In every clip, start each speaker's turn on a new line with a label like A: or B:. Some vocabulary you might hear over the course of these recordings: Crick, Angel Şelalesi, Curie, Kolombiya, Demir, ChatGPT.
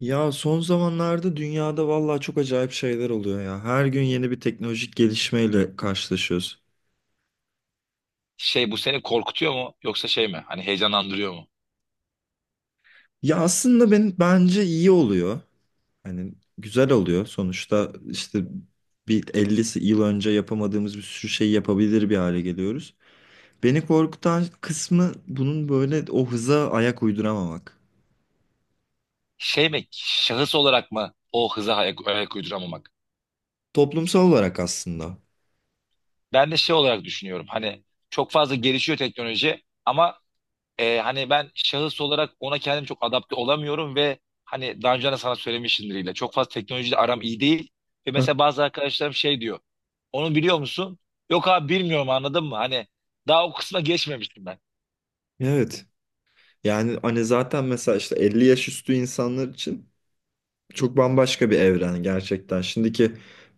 A: Ya son zamanlarda dünyada vallahi çok acayip şeyler oluyor ya. Her gün yeni bir teknolojik gelişmeyle karşılaşıyoruz.
B: Şey bu seni korkutuyor mu yoksa şey mi? Hani heyecanlandırıyor mu?
A: Ya aslında ben bence iyi oluyor. Hani güzel oluyor. Sonuçta işte bir 50 yıl önce yapamadığımız bir sürü şey yapabilir bir hale geliyoruz. Beni korkutan kısmı bunun böyle o hıza ayak uyduramamak.
B: Şey mi? Şahıs olarak mı o hıza ayak uyduramamak?
A: Toplumsal olarak aslında.
B: Ben de şey olarak düşünüyorum. Hani çok fazla gelişiyor teknoloji ama hani ben şahıs olarak ona kendim çok adapte olamıyorum ve hani daha önce de sana söylemişimdir yine. Çok fazla teknolojiyle aram iyi değil. Ve
A: Heh,
B: mesela bazı arkadaşlarım şey diyor. Onu biliyor musun? Yok abi bilmiyorum anladın mı? Hani daha o kısma geçmemiştim ben.
A: Evet. Yani hani zaten mesela işte 50 yaş üstü insanlar için çok bambaşka bir evren gerçekten. Şimdiki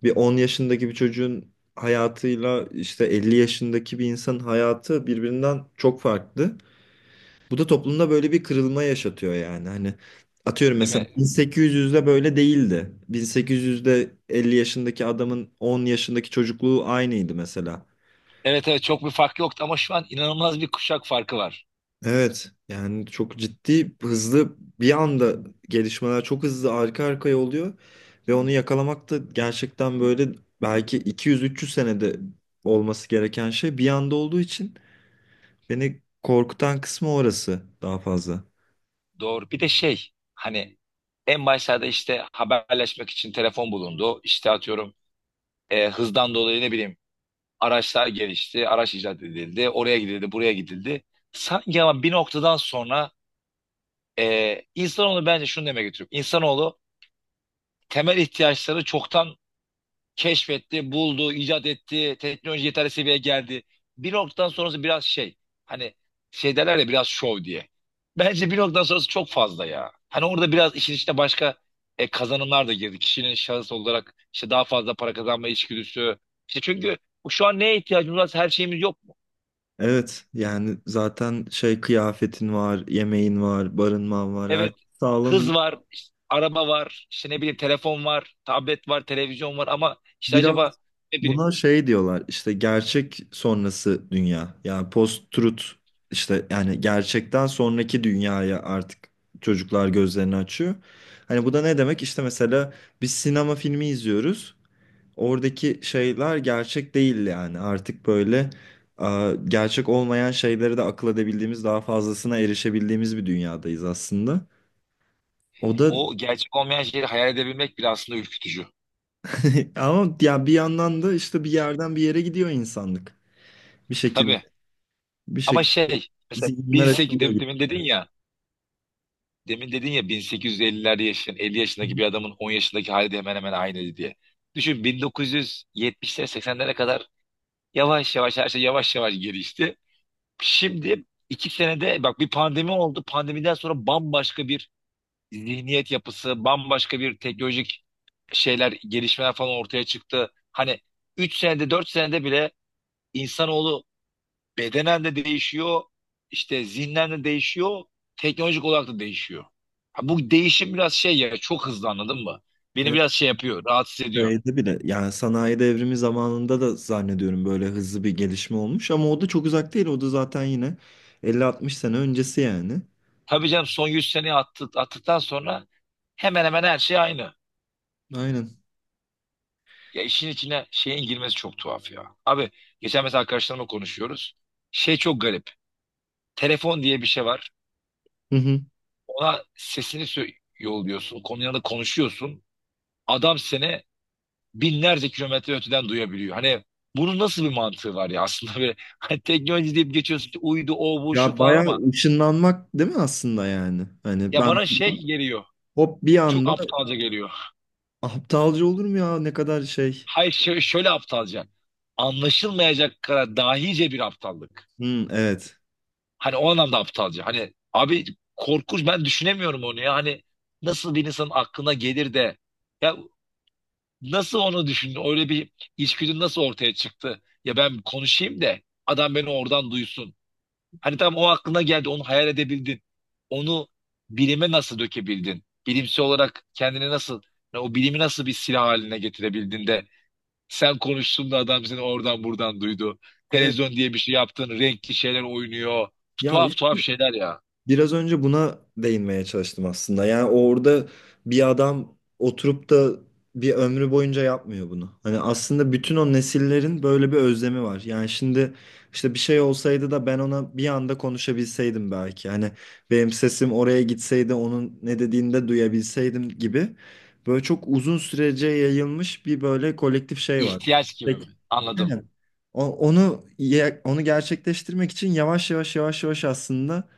A: bir 10 yaşındaki bir çocuğun hayatıyla işte 50 yaşındaki bir insanın hayatı birbirinden çok farklı. Bu da toplumda böyle bir kırılma yaşatıyor yani. Hani atıyorum
B: Değil
A: mesela
B: mi?
A: 1800'de böyle değildi. 1800'de 50 yaşındaki adamın 10 yaşındaki çocukluğu aynıydı mesela.
B: Evet evet, çok bir fark yoktu ama şu an inanılmaz bir kuşak farkı var.
A: Evet yani çok ciddi hızlı bir anda gelişmeler çok hızlı arka arkaya oluyor ve onu yakalamak da gerçekten böyle belki 200-300 senede olması gereken şey bir anda olduğu için beni korkutan kısmı orası daha fazla.
B: Doğru. Bir de şey, hani en başlarda işte haberleşmek için telefon bulundu. İşte atıyorum hızdan dolayı ne bileyim araçlar gelişti. Araç icat edildi. Oraya gidildi, buraya gidildi. Sanki ama bir noktadan sonra insanoğlu bence şunu demeye getiriyor. İnsanoğlu temel ihtiyaçları çoktan keşfetti, buldu, icat etti, teknoloji yeterli seviyeye geldi. Bir noktadan sonrası biraz şey, hani şey derler ya, biraz şov diye. Bence bir noktadan sonrası çok fazla ya. Hani orada biraz işin içine başka kazanımlar da girdi. Kişinin şahıs olarak işte daha fazla para kazanma içgüdüsü. İşte çünkü şu an neye ihtiyacımız var? Her şeyimiz yok mu?
A: Evet yani zaten şey kıyafetin var, yemeğin var, barınman var, her
B: Evet,
A: şey sağlanıyor.
B: hız var, işte araba var, işte ne bileyim telefon var, tablet var, televizyon var ama işte acaba
A: Biraz.
B: ne bileyim
A: Buna şey diyorlar işte, gerçek sonrası dünya yani post-truth. İşte yani gerçekten sonraki dünyaya artık çocuklar gözlerini açıyor. Hani bu da ne demek? İşte mesela biz sinema filmi izliyoruz, oradaki şeyler gerçek değil. Yani artık böyle gerçek olmayan şeyleri de akıl edebildiğimiz, daha fazlasına erişebildiğimiz bir dünyadayız aslında. O da.
B: o gerçek olmayan şeyleri hayal edebilmek bile aslında ürkütücü.
A: Ama ya bir yandan da işte bir yerden bir yere gidiyor insanlık, bir şekilde,
B: Tabii.
A: bir
B: Ama
A: şekilde,
B: şey mesela
A: zihinler.
B: 18 demin dedin ya 1850'lerde yaşayan 50 yaşındaki bir adamın 10 yaşındaki hali de hemen hemen aynıydı diye. Düşün 1970'lere 80'lere kadar yavaş yavaş her şey yavaş yavaş gelişti. Şimdi 2 senede bak bir pandemi oldu. Pandemiden sonra bambaşka bir zihniyet yapısı, bambaşka bir teknolojik şeyler, gelişmeler falan ortaya çıktı. Hani 3 senede 4 senede bile insanoğlu bedenen de değişiyor, işte zihnen de değişiyor, teknolojik olarak da değişiyor. Ha, bu değişim biraz şey ya, çok hızlı anladın mı? Beni
A: Evet,
B: biraz şey yapıyor, rahatsız ediyor.
A: şeyde bile yani, sanayi devrimi zamanında da zannediyorum böyle hızlı bir gelişme olmuş ama o da çok uzak değil. O da zaten yine 50 60 sene öncesi yani.
B: Tabii canım, son 100 seneyi attı, attıktan sonra hemen hemen her şey aynı.
A: Aynen.
B: Ya işin içine şeyin girmesi çok tuhaf ya. Abi geçen mesela arkadaşlarımla konuşuyoruz. Şey çok garip. Telefon diye bir şey var.
A: Hı hı.
B: Ona sesini yolluyorsun. Konuyla da konuşuyorsun. Adam seni binlerce kilometre öteden duyabiliyor. Hani bunun nasıl bir mantığı var ya aslında, böyle hani teknoloji deyip geçiyorsun ki, uydu o bu şu
A: Ya
B: falan
A: bayağı
B: ama
A: ışınlanmak değil mi aslında yani? Hani
B: ya
A: ben
B: bana şey geliyor.
A: hop bir
B: Çok
A: anda.
B: aptalca geliyor.
A: Aptalca olur mu ya, ne kadar şey.
B: Hayır şöyle aptalca. Anlaşılmayacak kadar dahice bir aptallık.
A: Hı, evet.
B: Hani o anlamda aptalca. Hani abi korkunç, ben düşünemiyorum onu ya. Hani nasıl bir insanın aklına gelir de ya, nasıl onu düşündün? Öyle bir içgüdün nasıl ortaya çıktı? Ya ben konuşayım da adam beni oradan duysun. Hani tam o aklına geldi, onu hayal edebildin. Onu bilime nasıl dökebildin? Bilimsel olarak kendini nasıl, yani o bilimi nasıl bir silah haline getirebildin de sen konuştun da adam seni oradan buradan duydu.
A: Evet.
B: Televizyon diye bir şey yaptın, renkli şeyler oynuyor.
A: Ya
B: Tuhaf tuhaf şeyler ya.
A: biraz önce buna değinmeye çalıştım aslında. Yani orada bir adam oturup da bir ömrü boyunca yapmıyor bunu. Hani aslında bütün o nesillerin böyle bir özlemi var. Yani şimdi işte bir şey olsaydı da ben ona bir anda konuşabilseydim belki. Hani benim sesim oraya gitseydi, onun ne dediğini de duyabilseydim gibi. Böyle çok uzun sürece yayılmış bir böyle kolektif şey var.
B: İhtiyaç gibi
A: Peki.
B: mi?
A: Aynen.
B: Anladım.
A: Onu gerçekleştirmek için yavaş yavaş yavaş yavaş aslında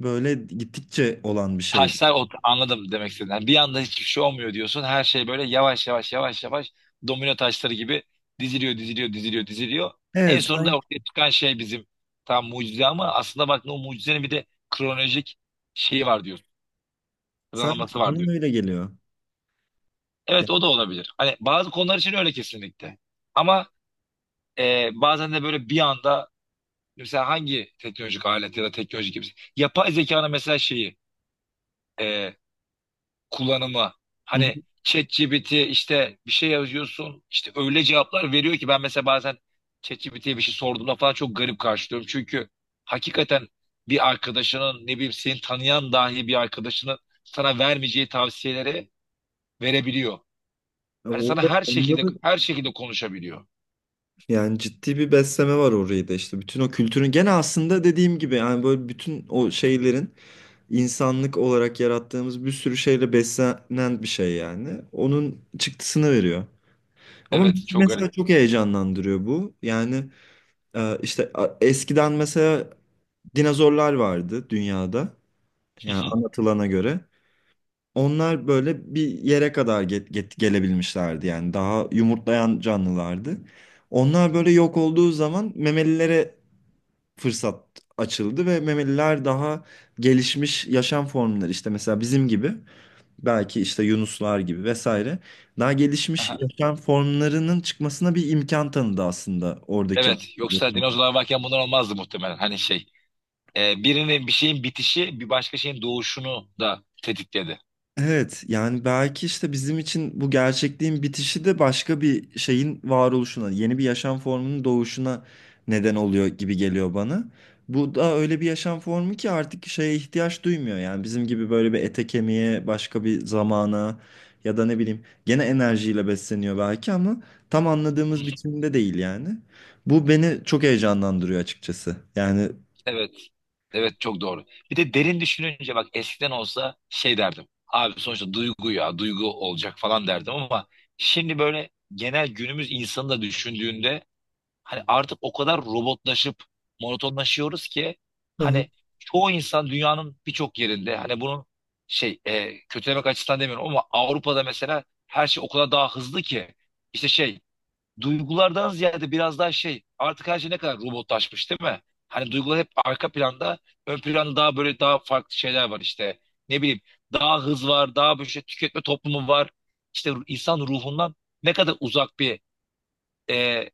A: böyle gittikçe olan bir şey.
B: Taşlar ot, anladım demek istediğin. Yani bir anda hiçbir şey olmuyor diyorsun. Her şey böyle yavaş yavaş yavaş yavaş domino taşları gibi diziliyor diziliyor diziliyor diziliyor. En
A: Evet,
B: sonunda
A: sanki,
B: ortaya çıkan şey bizim tam mucize ama aslında bak, o mucizenin bir de kronolojik şeyi var diyor. Sıralaması
A: sanki
B: var diyor.
A: bana öyle geliyor. Ya,
B: Evet, o da olabilir. Hani bazı konular için öyle kesinlikle. Ama bazen de böyle bir anda mesela hangi teknolojik alet ya da teknolojik yapı, yapay zekanın mesela şeyi, e, kullanımı.
A: hı
B: Hani
A: hı.
B: ChatGPT, işte bir şey yazıyorsun, işte öyle cevaplar veriyor ki, ben mesela bazen ChatGPT'ye bir şey sorduğumda falan çok garip karşılıyorum. Çünkü hakikaten bir arkadaşının, ne bileyim, seni tanıyan dahi bir arkadaşının sana vermeyeceği tavsiyeleri verebiliyor. Hani sana
A: Orada,
B: her
A: onda
B: şekilde
A: da
B: her şekilde konuşabiliyor.
A: yani ciddi bir besleme var orayı da işte. Bütün o kültürün gene, aslında dediğim gibi yani, böyle bütün o şeylerin, insanlık olarak yarattığımız bir sürü şeyle beslenen bir şey yani. Onun çıktısını veriyor. Ama
B: Evet,
A: bizi
B: çok
A: mesela
B: garip.
A: çok heyecanlandırıyor bu. Yani işte eskiden mesela dinozorlar vardı dünyada. Yani anlatılana göre. Onlar böyle bir yere kadar gelebilmişlerdi yani, daha yumurtlayan canlılardı. Onlar böyle yok olduğu zaman memelilere fırsat açıldı ve memeliler, daha gelişmiş yaşam formları, işte mesela bizim gibi, belki işte yunuslar gibi vesaire, daha gelişmiş yaşam formlarının çıkmasına bir imkan tanıdı aslında oradaki.
B: Evet, yoksa dinozorlar varken bunlar olmazdı muhtemelen. Hani şey, birinin bir şeyin bitişi bir başka şeyin doğuşunu da tetikledi.
A: Evet yani belki işte bizim için bu gerçekliğin bitişi de başka bir şeyin varoluşuna, yeni bir yaşam formunun doğuşuna neden oluyor gibi geliyor bana. Bu da öyle bir yaşam formu ki artık şeye ihtiyaç duymuyor. Yani bizim gibi böyle bir ete kemiğe, başka bir zamana, ya da ne bileyim, gene enerjiyle besleniyor belki ama tam anladığımız biçimde değil yani. Bu beni çok heyecanlandırıyor açıkçası. Yani.
B: Evet. Evet, çok doğru. Bir de derin düşününce bak, eskiden olsa şey derdim. Abi sonuçta duygu ya, duygu olacak falan derdim ama şimdi böyle genel günümüz insanı da düşündüğünde, hani artık o kadar robotlaşıp monotonlaşıyoruz ki,
A: Hı hı.
B: hani çoğu insan dünyanın birçok yerinde, hani bunun şey, kötülemek açısından demiyorum ama Avrupa'da mesela her şey o kadar daha hızlı ki, işte şey, duygulardan ziyade biraz daha şey, artık her şey ne kadar robotlaşmış değil mi? Hani duygular hep arka planda, ön planda daha böyle daha farklı şeyler var, işte ne bileyim, daha hız var, daha böyle şey, tüketme toplumu var, işte insan ruhundan ne kadar uzak bir e,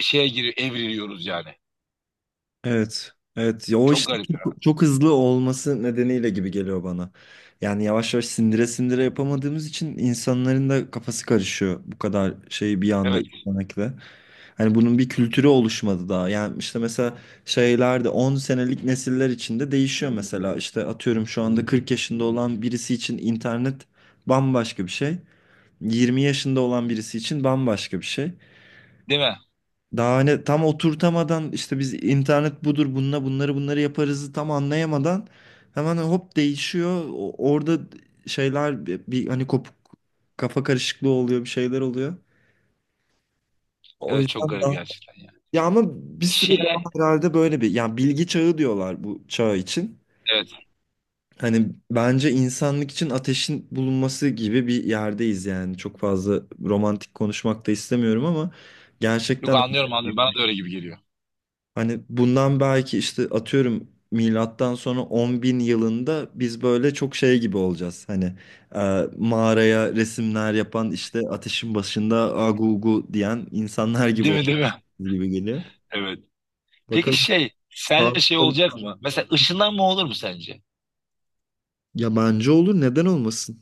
B: şeye giriyor, evriliyoruz yani.
A: Evet. Evet. Ya o
B: Çok
A: işte
B: garip ya.
A: çok, çok hızlı olması nedeniyle gibi geliyor bana. Yani yavaş yavaş sindire sindire yapamadığımız için insanların da kafası karışıyor, bu kadar şeyi bir anda
B: Evet.
A: izlemekle. Hani bunun bir kültürü oluşmadı daha. Yani işte mesela şeyler de 10 senelik nesiller içinde değişiyor mesela. İşte atıyorum şu anda 40 yaşında olan birisi için internet bambaşka bir şey. 20 yaşında olan birisi için bambaşka bir şey.
B: Değil mi?
A: Daha hani tam oturtamadan, işte biz internet budur, bununla bunları bunları yaparızı tam anlayamadan, hemen hop değişiyor. Orada şeyler bir hani kopuk, kafa karışıklığı oluyor, bir şeyler oluyor. O
B: Evet, çok
A: yüzden
B: garip
A: daha.
B: gerçekten ya.
A: Ya ama bir süre daha
B: Şeye,
A: herhalde böyle bir, yani bilgi çağı diyorlar bu çağ için.
B: evet.
A: Hani bence insanlık için ateşin bulunması gibi bir yerdeyiz yani. Çok fazla romantik konuşmak da istemiyorum ama
B: Yok,
A: gerçekten,
B: anlıyorum anlıyorum. Bana da öyle gibi geliyor.
A: hani bundan belki işte atıyorum, milattan sonra 10 bin yılında biz böyle çok şey gibi olacağız. Hani mağaraya resimler yapan, işte ateşin başında agu ugu diyen insanlar gibi
B: Değil mi,
A: olacağız
B: değil mi?
A: gibi geliyor.
B: Evet. Peki
A: Bakalım.
B: şey,
A: Sağ.
B: sence şey olacak mı? Mesela ışınlanma olur mu sence?
A: Yabancı olur, neden olmasın?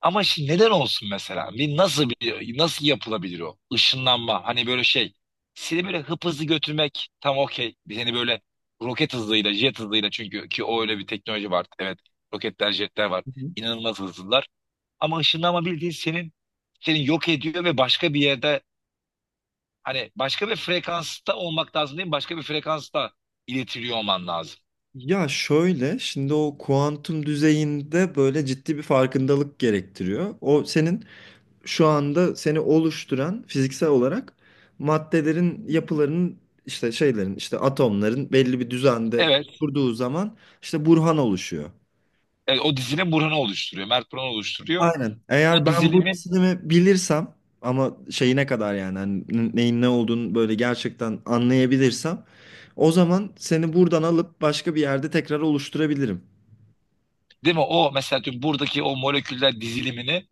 B: Ama şimdi neden olsun mesela? Bir nasıl, bir nasıl yapılabilir o? Işınlanma. Hani böyle şey. Seni böyle hıp hızlı götürmek tam okey. Seni böyle roket hızıyla, jet hızıyla, çünkü ki o öyle bir teknoloji var. Evet. Roketler, jetler var.
A: Hı hı.
B: İnanılmaz hızlılar. Ama ışınlanma, bildiğin senin seni yok ediyor ve başka bir yerde, hani başka bir frekansta olmak lazım değil mi? Başka bir frekansta iletiliyor olman lazım.
A: Ya şöyle, şimdi o kuantum düzeyinde böyle ciddi bir farkındalık gerektiriyor. O senin şu anda seni oluşturan, fiziksel olarak maddelerin yapılarının, işte şeylerin, işte atomların belli bir düzende
B: Evet,
A: kurduğu zaman, işte burhan oluşuyor.
B: evet, o dizinin Burhan'ı oluşturuyor. Mert Burhan'ı oluşturuyor.
A: Aynen. Eğer
B: O
A: ben bu
B: dizilimin
A: disiplinimi bilirsem, ama şeyine kadar yani, hani neyin ne olduğunu böyle gerçekten anlayabilirsem, o zaman seni buradan alıp başka bir yerde tekrar oluşturabilirim.
B: değil mi? O mesela diyorum, buradaki o moleküller dizilimini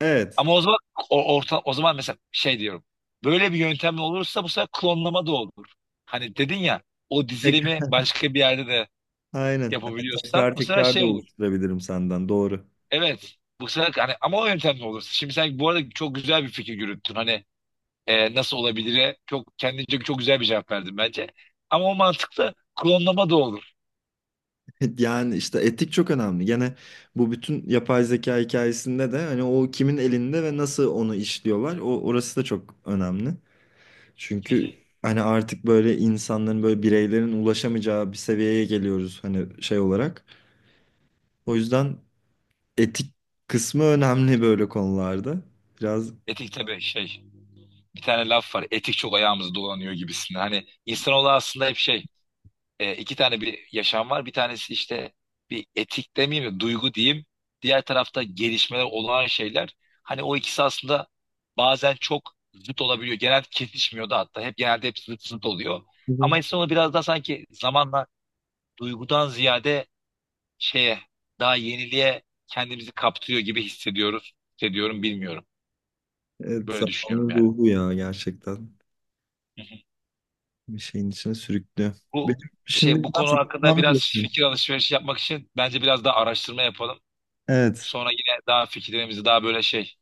A: Evet.
B: ama o zaman o, orta, o zaman mesela şey diyorum. Böyle bir yöntemle olursa bu sefer klonlama da olur. Hani dedin ya, o dizilimi
A: Tekrar.
B: başka bir yerde de
A: Aynen. Evet,
B: yapabiliyorsan
A: tekrar
B: bu sefer
A: tekrar
B: şey
A: da
B: olur.
A: oluşturabilirim senden. Doğru.
B: Evet. Bu sefer hani ama o yöntemle olursa. Şimdi sen bu arada çok güzel bir fikir yürüttün. Hani nasıl olabilir? Çok kendince çok güzel bir cevap verdin bence. Ama o mantıklı, klonlama da olur.
A: Yani işte etik çok önemli. Gene bu bütün yapay zeka hikayesinde de hani, o kimin elinde ve nasıl onu işliyorlar. O orası da çok önemli.
B: Hı hı.
A: Çünkü hani artık böyle insanların, böyle bireylerin ulaşamayacağı bir seviyeye geliyoruz hani, şey olarak. O yüzden etik kısmı önemli böyle konularda. Biraz.
B: Etik tabii şey. Bir tane laf var. Etik çok ayağımızı dolanıyor gibisinden. Hani insanoğlu aslında hep şey, iki tane bir yaşam var. Bir tanesi işte bir etik demeyeyim de duygu diyeyim. Diğer tarafta gelişmeler, olağan şeyler. Hani o ikisi aslında bazen çok zıt olabiliyor. Genelde kesişmiyor da hatta. Hep genelde hep zıt zıt oluyor.
A: Hı hı.
B: Ama insan onu biraz daha sanki zamanla duygudan ziyade şeye, daha yeniliğe kendimizi kaptırıyor gibi hissediyoruz. Hissediyorum, bilmiyorum.
A: Evet,
B: Böyle düşünüyorum
A: zamanın
B: yani.
A: ruhu ya gerçekten,
B: Hı hı.
A: bir şeyin içine sürüklüyor.
B: Bu
A: Benim şimdi
B: şey, bu
A: biraz
B: konu hakkında
A: gitmem
B: biraz
A: gerekiyor.
B: fikir alışverişi yapmak için bence biraz daha araştırma yapalım.
A: Evet.
B: Sonra yine daha fikirlerimizi daha böyle şey,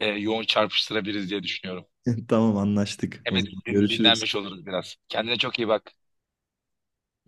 B: yoğun çarpıştırabiliriz diye düşünüyorum.
A: Tamam, anlaştık.
B: Hem
A: O
B: de
A: zaman görüşürüz.
B: dinlenmiş oluruz biraz. Kendine çok iyi bak.